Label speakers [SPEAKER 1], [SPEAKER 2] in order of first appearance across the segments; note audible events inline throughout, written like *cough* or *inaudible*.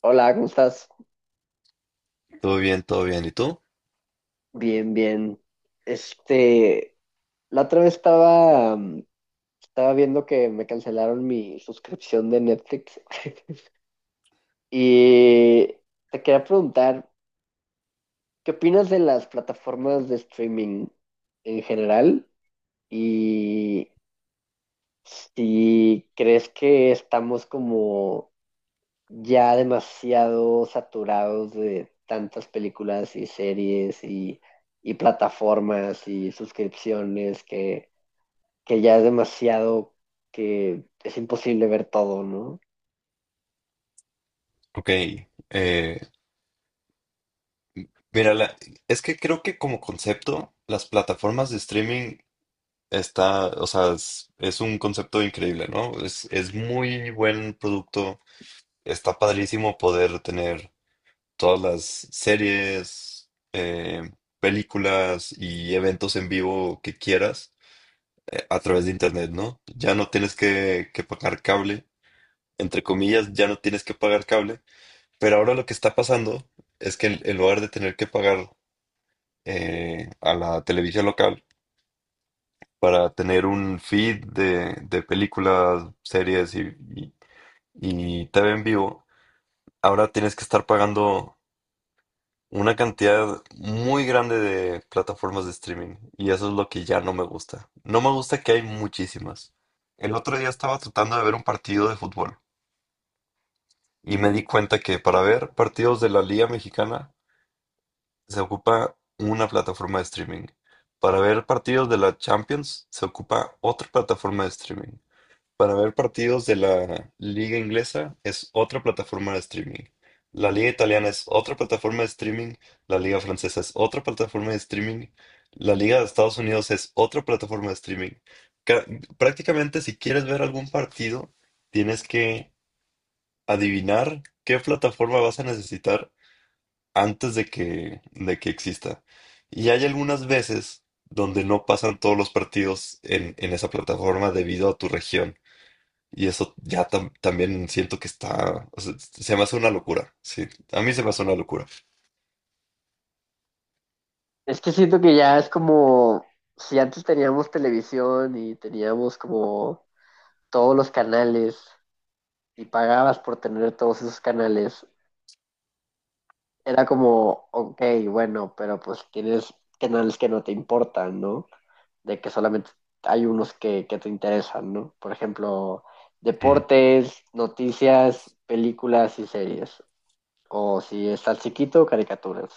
[SPEAKER 1] Hola, ¿cómo estás?
[SPEAKER 2] Todo bien, todo bien. ¿Y tú?
[SPEAKER 1] Bien, bien. Este, la otra vez estaba viendo que me cancelaron mi suscripción de Netflix *laughs* y te quería preguntar, ¿qué opinas de las plataformas de streaming en general? Y si crees que estamos como ya demasiado saturados de tantas películas y series y plataformas y suscripciones que ya es demasiado que es imposible ver todo, ¿no?
[SPEAKER 2] Ok. eh, mira, es que creo que como concepto, las plataformas de streaming está, o sea, es un concepto increíble, ¿no? Es muy buen producto. Está padrísimo poder tener todas las series, películas y eventos en vivo que quieras a través de internet, ¿no? Ya no tienes que pagar cable. Entre comillas, ya no tienes que pagar cable. Pero ahora lo que está pasando es que en lugar de tener que pagar a la televisión local para tener un feed de películas, series y TV en vivo, ahora tienes que estar pagando una cantidad muy grande de plataformas de streaming. Y eso es lo que ya no me gusta. No me gusta que hay muchísimas. El otro día estaba tratando de ver un partido de fútbol y me di cuenta que para ver partidos de la Liga Mexicana se ocupa una plataforma de streaming. Para ver partidos de la Champions se ocupa otra plataforma de streaming. Para ver partidos de la liga inglesa es otra plataforma de streaming. La liga italiana es otra plataforma de streaming. La liga francesa es otra plataforma de streaming. La liga de Estados Unidos es otra plataforma de streaming. Ca- Prácticamente si quieres ver algún partido, tienes que adivinar qué plataforma vas a necesitar antes de que exista. Y hay algunas veces donde no pasan todos los partidos en esa plataforma debido a tu región. Y eso ya también siento que está, o sea, se me hace una locura. Sí, a mí se me hace una locura.
[SPEAKER 1] Es que siento que ya es como si antes teníamos televisión y teníamos como todos los canales y pagabas por tener todos esos canales. Era como, ok, bueno, pero pues tienes canales que no te importan, ¿no? De que solamente hay unos que te interesan, ¿no? Por ejemplo,
[SPEAKER 2] Mm,
[SPEAKER 1] deportes, noticias, películas y series. O si estás chiquito, caricaturas.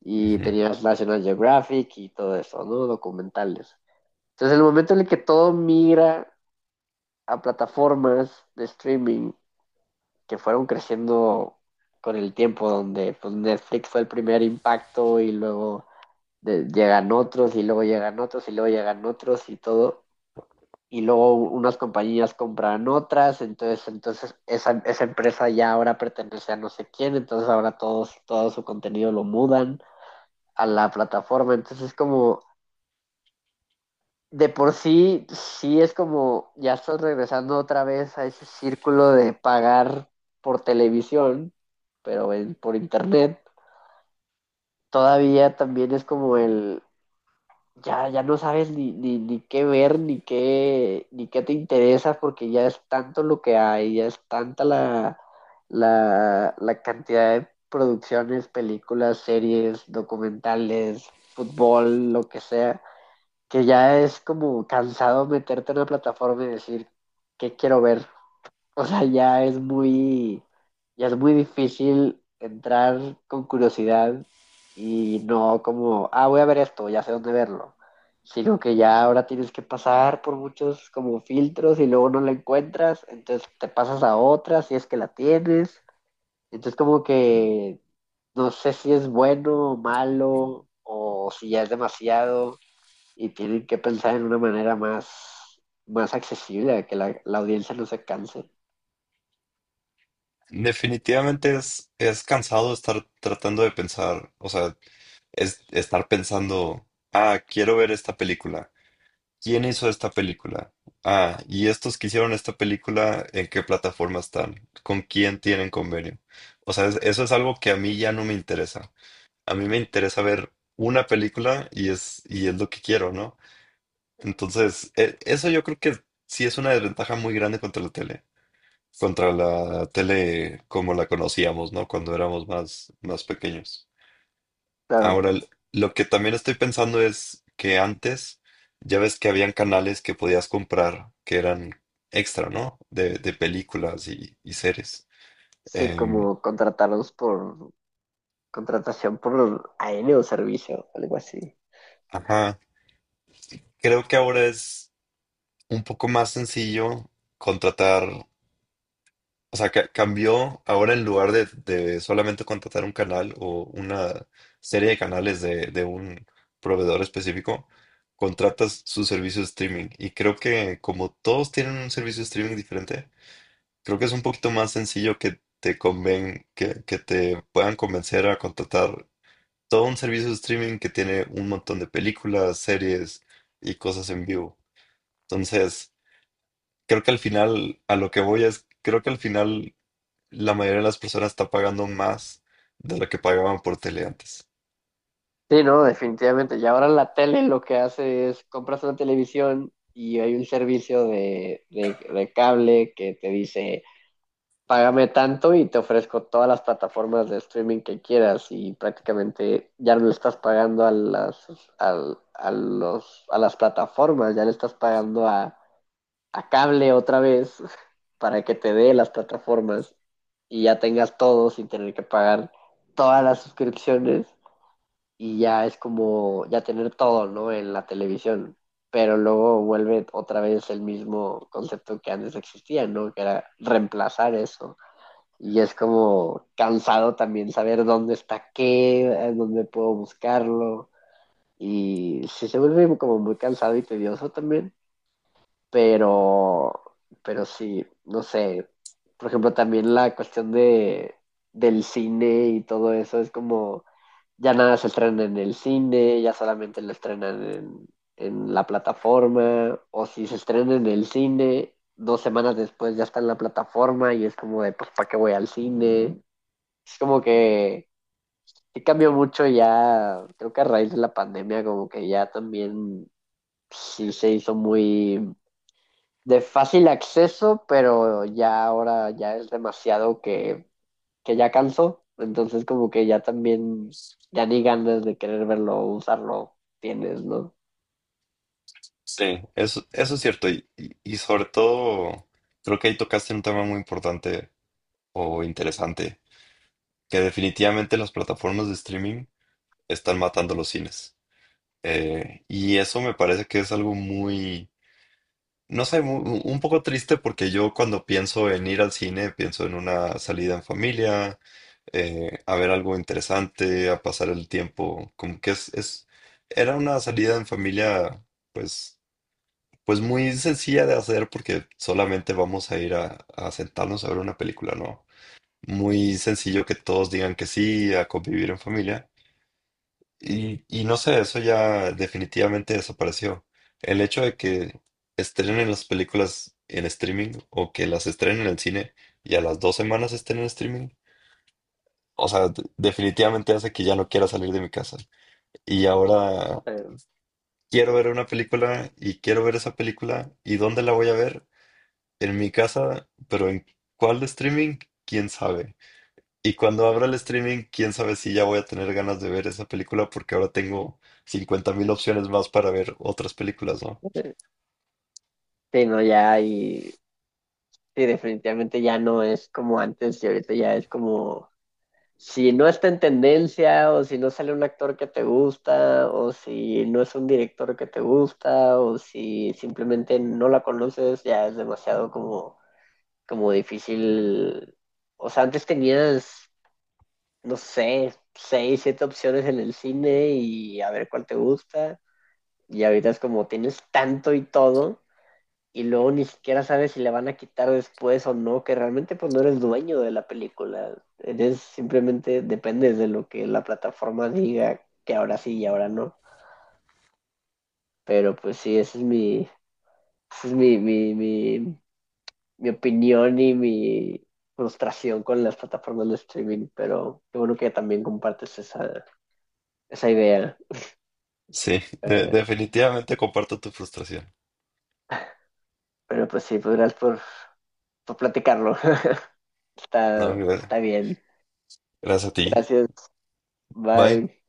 [SPEAKER 1] Y
[SPEAKER 2] ujú.
[SPEAKER 1] tenías National Geographic y todo eso, ¿no? Documentales. Entonces, el momento en el que todo migra a plataformas de streaming que fueron creciendo con el tiempo, donde pues, Netflix fue el primer impacto y luego llegan otros y luego llegan otros y luego llegan otros y todo. Y luego unas compañías compran otras, entonces esa empresa ya ahora pertenece a no sé quién, entonces ahora todos, todo su contenido lo mudan a la plataforma. Entonces es como, de por sí, sí es como ya estás regresando otra vez a ese círculo de pagar por televisión, pero por internet. Todavía también es como el, ya no sabes ni qué ver, ni qué te interesa, porque ya es tanto lo que hay, ya es tanta la cantidad de producciones, películas, series, documentales, fútbol, lo que sea que ya es como cansado meterte en la plataforma y decir, ¿qué quiero ver? O sea, ya es muy difícil entrar con curiosidad y no como, ah, voy a ver esto, ya sé dónde verlo, sino que ya ahora tienes que pasar por muchos como filtros y luego no la encuentras, entonces te pasas a otra si es que la tienes, entonces como que no sé si es bueno o malo o si ya es demasiado y tienen que pensar en una manera más accesible, a que la audiencia no se canse.
[SPEAKER 2] Definitivamente es cansado estar tratando de pensar, o sea, es estar pensando, ah, quiero ver esta película. ¿Quién hizo esta película? Ah, y estos que hicieron esta película, ¿en qué plataforma están? ¿Con quién tienen convenio? O sea, eso es algo que a mí ya no me interesa. A mí me interesa ver una película y es lo que quiero, ¿no? Entonces, eso yo creo que sí es una desventaja muy grande contra la tele. Contra la tele como la conocíamos, ¿no? Cuando éramos más, más pequeños.
[SPEAKER 1] Claro,
[SPEAKER 2] Ahora, lo que también estoy pensando es que antes ya ves que habían canales que podías comprar que eran extra, ¿no? De películas y series.
[SPEAKER 1] sí,
[SPEAKER 2] Em,
[SPEAKER 1] como contratarlos por contratación por AN o servicio, algo así.
[SPEAKER 2] ajá, creo que ahora es un poco más sencillo contratar, o sea, cambió ahora en lugar de solamente contratar un canal o una serie de canales de un proveedor específico, contratas su servicio de streaming. Y creo que como todos tienen un servicio de streaming diferente, creo que es un poquito más sencillo que te puedan convencer a contratar todo un servicio de streaming que tiene un montón de películas, series y cosas en vivo. Entonces, creo que al final, a lo que voy es, creo que al final la mayoría de las personas está pagando más de lo que pagaban por tele antes.
[SPEAKER 1] Sí, no, definitivamente. Y ahora la tele lo que hace es compras una televisión y hay un servicio de cable que te dice págame tanto y te ofrezco todas las plataformas de streaming que quieras y prácticamente ya no le estás pagando a las, a las plataformas, ya le estás pagando a cable otra vez *laughs* para que te dé las plataformas y ya tengas todo sin tener que pagar todas las suscripciones y ya es como ya tener todo, ¿no? En la televisión. Pero luego vuelve otra vez el mismo concepto que antes existía, ¿no? Que era reemplazar eso. Y es como cansado también saber dónde está qué, dónde puedo buscarlo. Y sí se vuelve como muy cansado y tedioso también. Pero, pero sí, no sé. Por ejemplo, también la cuestión del cine y todo eso es como ya nada se estrena en el cine, ya solamente lo estrenan en la plataforma, o si se estrena en el cine, dos semanas después ya está en la plataforma y es como de, pues, ¿para qué voy al cine? Es como que cambió mucho ya, creo que a raíz de la pandemia, como que ya también sí se hizo muy de fácil acceso, pero ya ahora ya es demasiado que ya cansó, entonces como que ya también, ya ni ganas de querer verlo, usarlo tienes, ¿no?
[SPEAKER 2] Sí, eso es cierto. Y sobre todo, creo que ahí tocaste un tema muy importante o interesante, que definitivamente las plataformas de streaming están matando los cines. Y eso me parece que es algo muy, no sé, un poco triste porque yo cuando pienso en ir al cine, pienso en una salida en familia, a ver algo interesante, a pasar el tiempo, como que era una salida en familia, pues, pues muy sencilla de hacer porque solamente vamos a ir a sentarnos a ver una película, ¿no? Muy sencillo que todos digan que sí, a convivir en familia. Y no sé, eso ya definitivamente desapareció. El hecho de que estrenen las películas en streaming o que las estrenen en el cine y a las 2 semanas estén en streaming, o sea, definitivamente hace que ya no quiera salir de mi casa. Y ahora
[SPEAKER 1] Pero,
[SPEAKER 2] quiero ver una película y quiero ver esa película. ¿Y dónde la voy a ver? En mi casa, pero ¿en cuál de streaming? ¿Quién sabe? Y cuando abra el streaming, quién sabe si ya voy a tener ganas de ver esa película porque ahora tengo 50,000 opciones más para ver otras películas, ¿no?
[SPEAKER 1] eh, sí, no, ya y sí, definitivamente ya no es como antes y ahorita ya es como si no está en tendencia o si no sale un actor que te gusta o si no es un director que te gusta o si simplemente no la conoces, ya es demasiado como, como difícil. O sea, antes tenías, no sé, seis, siete opciones en el cine y a ver cuál te gusta. Y ahorita es como tienes tanto y todo y luego ni siquiera sabes si le van a quitar después o no, que realmente pues no eres dueño de la película, eres simplemente dependes de lo que la plataforma diga que ahora sí y ahora no. Pero pues sí, esa es mi, mi, mi, mi opinión y mi frustración con las plataformas de streaming, pero qué bueno que también compartes esa idea.
[SPEAKER 2] Sí,
[SPEAKER 1] Eh,
[SPEAKER 2] definitivamente comparto tu frustración.
[SPEAKER 1] pero pues sí, pues gracias por platicarlo. *laughs*
[SPEAKER 2] No,
[SPEAKER 1] está, está bien.
[SPEAKER 2] gracias a ti.
[SPEAKER 1] Gracias.
[SPEAKER 2] Bye.
[SPEAKER 1] Bye.